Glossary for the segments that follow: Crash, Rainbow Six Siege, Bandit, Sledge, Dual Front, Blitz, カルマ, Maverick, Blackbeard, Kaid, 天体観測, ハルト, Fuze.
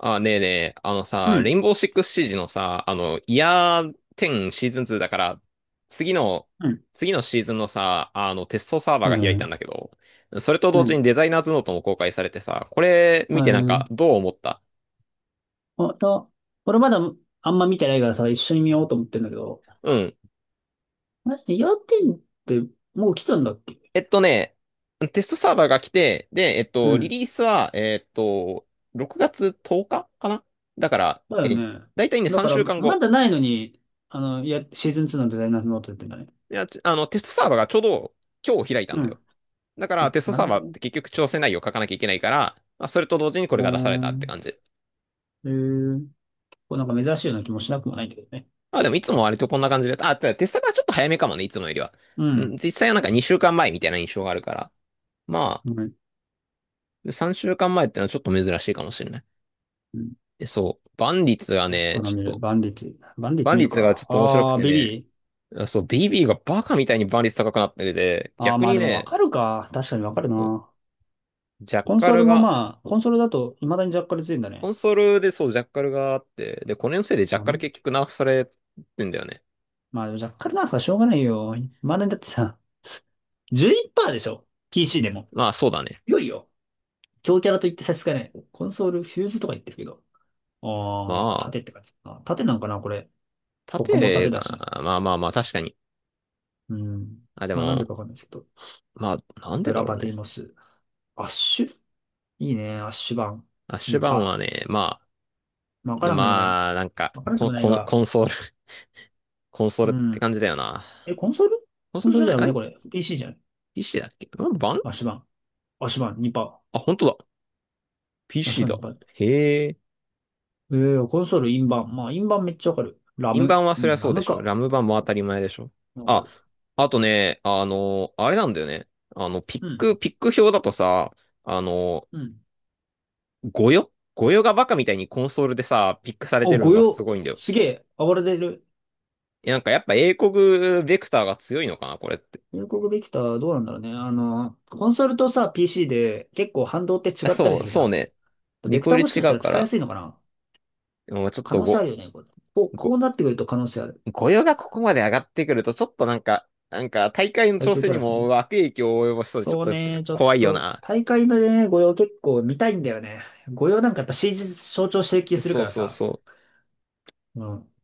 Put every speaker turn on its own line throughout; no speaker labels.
あ、ねえねえ、あの
う
さ、レイ
ん、
ンボーシックスシージのさ、あの、イヤー10シーズン2だから、次の、
うん、
次のシーズンのさ、あの、テストサーバー
は
が開いた
い、
んだけど、それと
う
同時
ん。
にデザイナーズノートも公開されてさ、これ
は
見てなん
い。
かどう思った？
あと、俺まだあんま見てないからさ、一緒に見ようと思ってんだけど、
うん。
マジで要点ってもう来たんだっけ？
えっとね、テストサーバーが来て、で、
う
リ
ん。
リースは、6月10日かかな。だから、
だよね。
だいたいね、
だ
3
から、
週間
ま
後。
だないのに、いや、シーズン2のデザイナーズノートってんだね。
いや、ちあの、テストサーバーがちょうど今日開いた
う
んだよ。
ん。
だから、
あ、
テスト
なる
サー
ほ
バー
ど
っ
ね。
て結局調整内容を書かなきゃいけないから、まあ、それと同時にこ
うー
れが出されたって
ん。
感じ。
えー、こうなんか珍しいような気もしなくもないんだけどね。
まあでも、いつも割とこんな感じで、あ、テストサーバーちょっと早めかもね、いつもよりは。
うん。
実際はなんか2週間前みたいな印象があるから。ま
うん。
あ、3週間前ってのはちょっと珍しいかもしれない。
うん。
でそう、万率が
僕
ね、
から
ちょっ
見る。
と、
バンディッツ。バンディッツ
万
見る
率がちょ
か。
っと面白く
あー、
て
ベ
ね、
ビー。
そう、BB がバカみたいに万率高くなってて、
あー、
逆
まあ
に
でもわ
ね、
かるか。確かにわかるな。
ジャッ
コン
カ
ソー
ル
ルも
が、
まあ、コンソールだと未だにジャッカルついてんだ
コ
ね。
ンソールでそう、ジャッカルがあって、で、これのせいでジャッ
ダ
カ
メ。
ル結局ナーフされてんだよね。
まあ、ジャッカルなんかしょうがないよ。未だにだってさ、11%でしょ ?PC でも。
まあ、そうだね。
強いよ。強キャラと言って差し支えない。コンソール、フューズとか言ってるけど。
ま
ああ、なんか
あ、
盾って感じだな。盾なんかな、これ。他も盾
縦
だし。
が、まあ、確かに。
うん。
あ、で
まあ、なんで
も、
かわかんないですけど。
まあ、なんで
ブ
だ
ラ
ろ
バ
う
ディ
ね。
モス。アッシュいいね。アッシュ版。
アッシュバーンは
2%。
ね、ま
まあわか
あ、
らんでもない。
まあ、
わからんでもない
コ
が。
ンソール、コンソール
う
って
ん。
感じだよな。
え、コンソール。
コンソ
コ
ー
ン
ル
ソー
じ
ル
ゃ
じ
な
ゃ
い、
なくね、
え？
これ。PC じゃない。
PC だっけラム版？
アッシュ版。アッシュ版2%。
あ、本当だ。
あ、そ
PC
うな
だ。
んか。
へえ。
コンソール、インバン。まあ、インバンめっちゃわかる。ラ
インバ
ム。
は
う
そりゃ
ん、
そ
ラ
うで
ム
しょ。
か。
ラム版も当たり前でしょ。
わか
あ、
る。
あとね、あれなんだよね。あの、ピッ
うん、
ク、ピック表だとさ、あの、
うん。
ごよごよがバカみたいにコンソールでさ、ピックされて
お、
るの
御
がす
用。
ごいんだよ。
すげえ、暴れてる。
なんかやっぱ英国ベクターが強いのかな、これって。
入国ビクターどうなんだろうね。あの、コンソールとさ、PC で結構反動って
あ
違ったり
そ
す
う、
るじゃ
そう
ん。
ね。リ
ベク
コ
ター
イル
もし
違
かした
う
ら
か
使いや
ら、
すいのかな。
もうちょっ
可
と
能性あ
ご、
るよね、これ。こう、こ
ご、
うなってくると可能性ある。
御用がここまで上がってくると、ちょっとなんか、なんか大会の
最
調
強
整
キャ
に
ラっす
も
ね。
悪影響を及ぼしそうで、ちょっ
そう
と
ね、ちょっ
怖いよ
と、
な。
大会のね、御用結構見たいんだよね。御用なんかやっぱ CG 象徴してる気する
そ
か
う
ら
そう
さ。
そ
うん。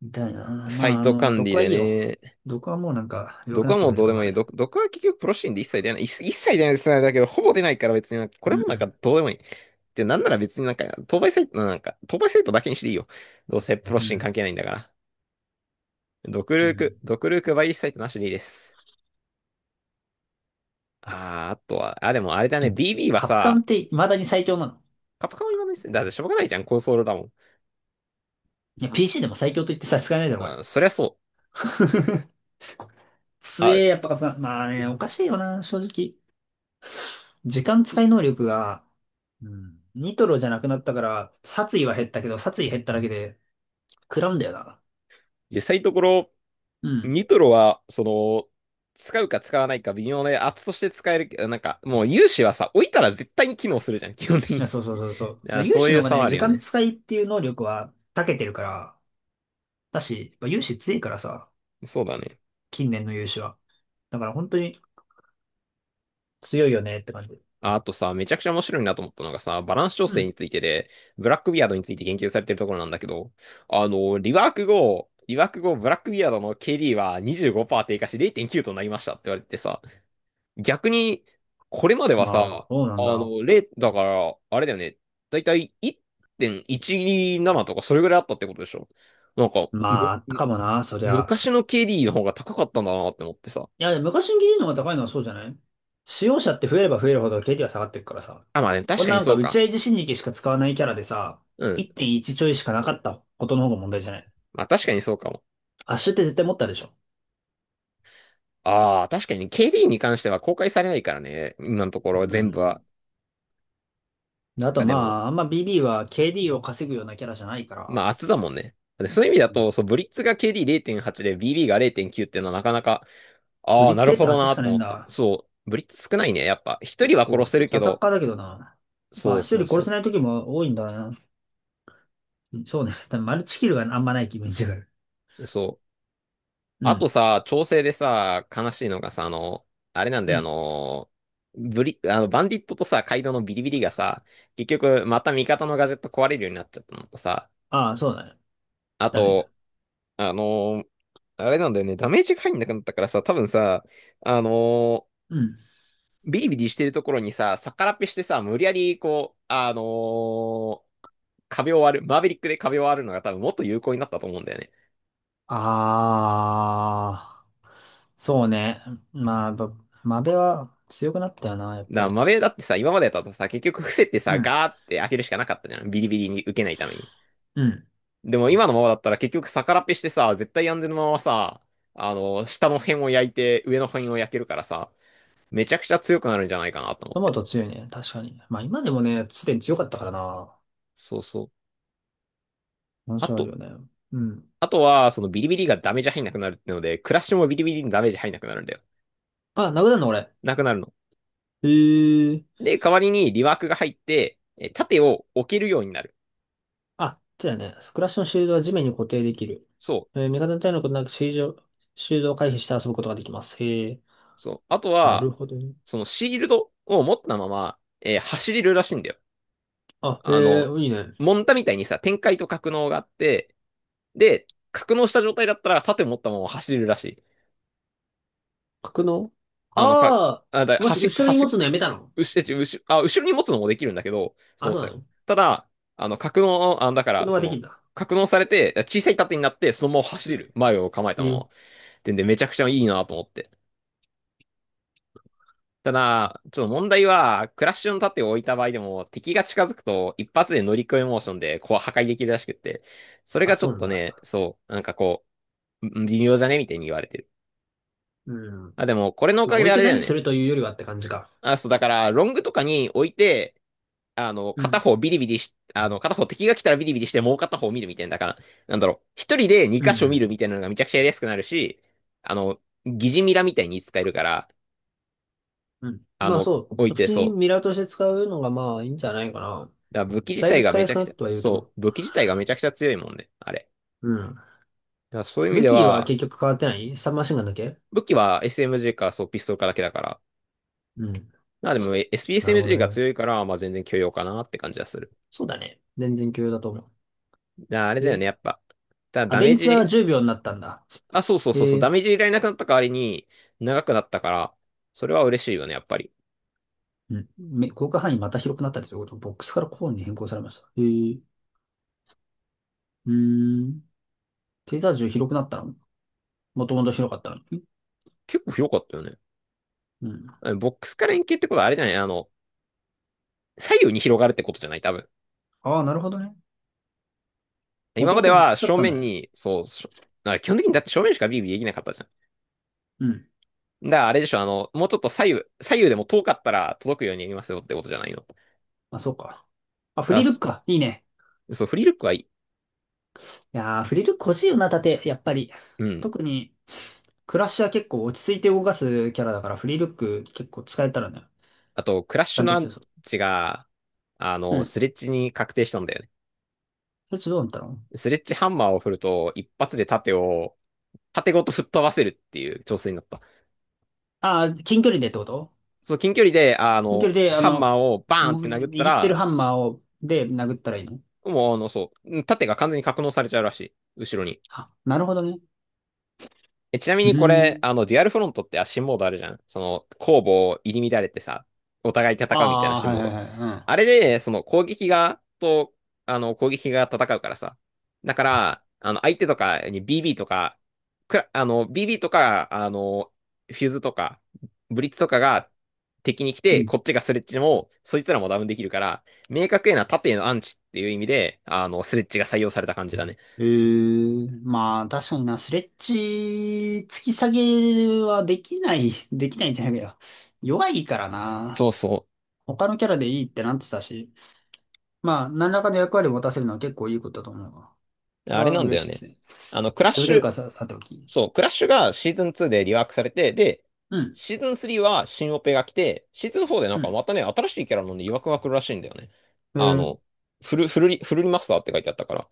みたい
う。
な。
サ
ま
イ
あ、
ト管理
毒は
で
いいよ。
ね。
毒はもうなんか弱
毒
くな
は
って
も
く
う
れ
ど
て
うで
構
も
わ
いい。
ない。
毒は結局プロシーンで一切出ない。一切出ないですね。だけど、ほぼ出ないから別になんか、これ
う
もなんか
ん。
どうでもいい。で、なんなら別になんか、当倍サイトだけにしていいよ。どうせプロ
う
シーン
ん。
関係ないんだから。
うん。
ドクルークバイリスサイトなしでいいです。あー、あとは、あ、でもあれだ
ち
ね、
ょっと、
BB は
カプカン
さ、
って未だに最強なの？
カプカンは言わないっすね。だってしょうがないじゃん、コンソールだもん。
いや、PC でも最強と言って差し支えないだろ、こ
あ、
れ。
そりゃそう。
強
あ、
え、やっぱカプカン。まあね、おかしいよな、正直。時間使い能力が、うん。ニトロじゃなくなったから、殺意は減ったけど、殺意減っただけで、食らうんだよな。
実際のところ、
うん。
ニトロは、使うか使わないか微妙で、圧として使えるけど、なんか、もう有志はさ、置いたら絶対に機能するじゃん、基本的
い
に。
や、そうそうそ うそう。
だか
だから
ら
有
そう
志
い
の
う
方が
差は
ね、
あ
時
るよ
間
ね。
使いっていう能力は長けてるから、だし、やっぱ有志強いからさ、
そうだね。
近年の有志は。だから本当に強いよねって感じ。
ああとさ、めちゃくちゃ面白いなと思ったのがさ、バランス調
う
整に
ん。
ついてで、ブラックビアードについて研究されてるところなんだけど、あの、リワーク後、ブラックビアードの KD は25%低下し0.9となりましたって言われてさ、逆に、これまではさ、
ああ、そうなん
あ
だ。
の、0、だから、あれだよね、だいたい1.17とかそれぐらいあったってことでしょ？なんか、
まあ、
む、
あったかもな、そりゃ。
昔の KD の方が高かったんだなって思ってさ。
いや、昔に DD の方が高いのはそうじゃない？使用者って増えれば増えるほど KD は下がっていくからさ。
あ、まあね、確
こん
か
な
に
なん
そ
か
う
打ち
か。
合い自身力しか使わないキャラでさ、
うん。
1.1ちょいしかなかったことの方が問題じゃない？
まあ確かにそうかも。
アッシュって絶対持ったでしょ。
ああ、確かに KD に関しては公開されないからね。今のところ
う
全部
ん。
は。
であと
あ、でも、
まあ、あんま BB は KD を稼ぐようなキャラじゃないから、
まあ、厚だもんね。でそういう意味だ
うん。
と、そう、ブリッツが KD0.8 で BB が0.9っていうのはなかなか、
ブ
ああ、
リッ
な
ツ
るほど
0.8し
な
かね
と
えん
思った。
だ。
そう、ブリッツ少ないね。やっぱ、一
結
人は殺
構、
せ
こい
る
つ
け
アタッ
ど、
カーだけどな。ま
そ
あ、
う
一人
そう
殺
そ
せない時も多いんだな。そうね。多分マルチキルがあんまないイメージがある。
う。そう。
う
あ
ん。
とさ、調整でさ、悲しいのがさ、あれなん
う
だよ、
ん。
あの、バンディットとさ、カイドウのビリビリがさ、結局、また味方のガジェット壊れるようになっちゃったのとさ、
ああ、そうだね。来
あ
たね。
と、あのーあれなんだよね、ダメージが入んなくなったからさ、多分さ、あの
うん。
ビリビリしてるところにさ、逆らっぺしてさ、無理やりこう、壁を割る、マーベリックで壁を割るのが多分もっと有効になったと思うんだよね。
あー、そうね。まあ、やっぱマベは強くなったよな、やっ
だか
ぱ
ら
り。
マベだってさ、今までだとさ、結局伏せて
う
さ、
ん。
ガーって開けるしかなかったじゃん。ビリビリに受けないために。
うん。
でも今のままだったら結局逆らっぺしてさ、絶対安全のままさ、あの下の辺を焼いて上の辺を焼けるからさ、めちゃくちゃ強くなるんじゃないかなと思っ
トマ
て。
ト強いね、確かに。まあ今でもね、すでに強かったからな。
そうそう。
難
あ
所ある
と、
よね。うん。
あとは、そのビリビリがダメージ入んなくなるってので、クラッシュもビリビリにダメージ入んなくなるんだよ。
あ、殴るの俺。
なくなるの。
へえ。
で、代わりにリワークが入って、え盾を置けるようになる。
あ、そうだよね。クラッシュのシールドは地面に固定できる。
そう。
味方の体のことなくシールド、シールドを回避して遊ぶことができます。へえ。
そう。あと
な
は、
るほど。ね。
そのシールドを持ったまま、えー走れるらしいんだよ。
あ、え
あ
え、
の、
いいね。
モンタみたいにさ、展開と格納があって、で、格納した状態だったら盾を持ったまま走れるらしい。
格納。
あの、か、
ああ
あだ
ー、もし
端っ、
後ろに
端
持
っ
つのやめたの？
後ろあ後ろに持つのもできるんだけど、そ
あ、
の
そう
た
なの？
だ、あの格納、あだか
格
ら、
納はできるんだ。
格納されて、小さい盾になって、そのまま走
う
れ
ん。
る。前を構え
え
たまま。
ー
ってんで、めちゃくちゃいいなと思って。ただ、ちょっと問題は、クラッシュの盾を置いた場合でも、敵が近づくと、一発で乗り越えモーションで、こう破壊できるらしくって、それ
あ、
がちょ
そう
っ
なん
と
だ。
ね、そう、微妙じゃねみたいに言われてる。
うん。
あ、でも、これのお
まあ、
かげ
置
で
い
あ
て
れだよ
何す
ね。
るというよりはって感じか。
あ、そう、だから、ロングとかに置いて、あの、
う
片
ん。
方ビリビリし、あの、片方敵が来たらビリビリして、もう片方見るみたいな、だから、なんだろう、一人で二
う
箇所見るみ
ん。
たいなのがめちゃくちゃやりやすくなるし、あの、疑似ミラみたいに使えるから、
うん。
あ
まあ、
の、
そ
置い
う。普
て、
通に
そ
ミ
う。
ラーとして使うのがまあいいんじゃないかな。
だから
だいぶ使いやすくなってはいると思う。
武器自体がめちゃくちゃ強いもんね、あれ。
うん。
だからそういう意味
武
で
器は
は、
結局変わってないサブマシンガンだけ。
武器は SMG か、そう、ピストルかだけだから。
うん。
まあでも、
なるほど
SPSMG が
ね。
強いから、まあ全然許容かなって感じはする。
そうだね。全然共有だと思う。
だからあれ
え
だよ
ー
ね、やっぱ。ただ
あ、
ダメ
電
ー
池は
ジ
10秒になったんだ。
あ、そうそうそうそ
え
う、ダ
え、
メージいられなくなった代わりに、長くなったから、それは嬉しいよね、やっぱり。
うん。広角範囲また広くなったりということ、ボックスからコーンに変更されました。へえ。うーん。テーザー銃広くなったの？もともと広かったのに。
結構広かったよね。
うん。
あのボックスから円形ってことはあれじゃない？あの、左右に広がるってことじゃない多分。
ああ、なるほどね。も
今
と
ま
も
で
とボッ
は
クスだっ
正
たん
面
だね。
に、そう、なんか基本的にだって正面しかビビできなかったじゃん。
うん。
だからあれでしょ、あの、もうちょっと左右、左右でも遠かったら届くようにやりますよってことじゃないの。だか
あ、そうか。あ、フ
ら
リルッ
そ
クか。いいね。
そう、フリールックはいい。
いやー、フリルック欲しいよな、盾。やっぱり。
うん。
特に、クラッシュは結構落ち着いて動かすキャラだから、フリルック結構使えたらね。
あと、クラッシ
ダ
ュ
ン
の
ト
ア
ツ
ン
でそ
チが、あ
う。う
の、
ん。
スレッジに確定したんだよね。
そいつどうなったの？
スレッジハンマーを振ると、一発で盾を縦ごと吹っ飛ばせるっていう挑戦だった。
ああー、近距離でってこと？
そう、近距離で、あ
近距
の、
離で、
ハンマーをバ
う
ーンって殴っ
ん、
た
握ってる
ら、
ハンマーを、で殴ったらいいの？
もう、あの、そう、縦が完全に格納されちゃうらしい。後ろに。
あ、なるほどね。
え、ちなみ
う
にこ
ー
れ、
ん。
あの、デュアルフロントって新モードあるじゃん。その、攻防入り乱れてさ、お互い
あ
戦うみたいな
あ、
新
はい
モー
は
ド。
いは
あれで、その、攻撃側と、あの、攻撃側戦うからさ。だから、あの、相手とかに BB とか、くら、あの、BB とか、あの、フューズとか、ブリッツとかが敵に来
い。うん。う
て、
ん。
こっちがスレッチも、そいつらもダウンできるから、明確へな縦へのアンチっていう意味で、あの、スレッチが採用された感じだね。
ええ、まあ、確かにな、スレッジ、突き下げはできない、できないんじゃないかよ。弱いから
そう
な。
そ
他のキャラでいいってなってたし。まあ、何らかの役割を持たせるのは結構いいことだと思うわ。
う。
こ
あ
れ
れ
は
なんだ
嬉
よ
しいで
ね。
すね。
あの、クラッ
近づ
シ
ける
ュ、
かさ、さておき。
そう、クラッシュがシーズン2でリワークされて、で、
うん。
シーズン3は新オペが来て、シーズン4でなん
う
か
ん。
またね、新しいキャラのね、曰くが来るらしいんだよね。
え
あ
ー、
の、フル、フルリ、フルリマスターって書いてあったから。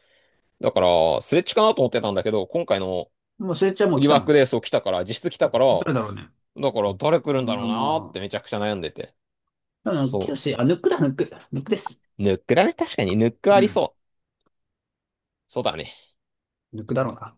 だから、スレッチかなと思ってたんだけど、今回の
もうスレッジはもう来
リ
た
ワー
もん
クで
ね。
そう来たから、実質来たから、
誰だろうね。
だから誰来るんだ
いや
ろうなーって
ま
めちゃくちゃ悩んでて。
あ、でも、
そ
あ、ヌックだ、ヌック。ヌックです。
う。ヌックだね。確かにヌックあ
う
り
ん。
そう。そうだね。
ヌックだろうな。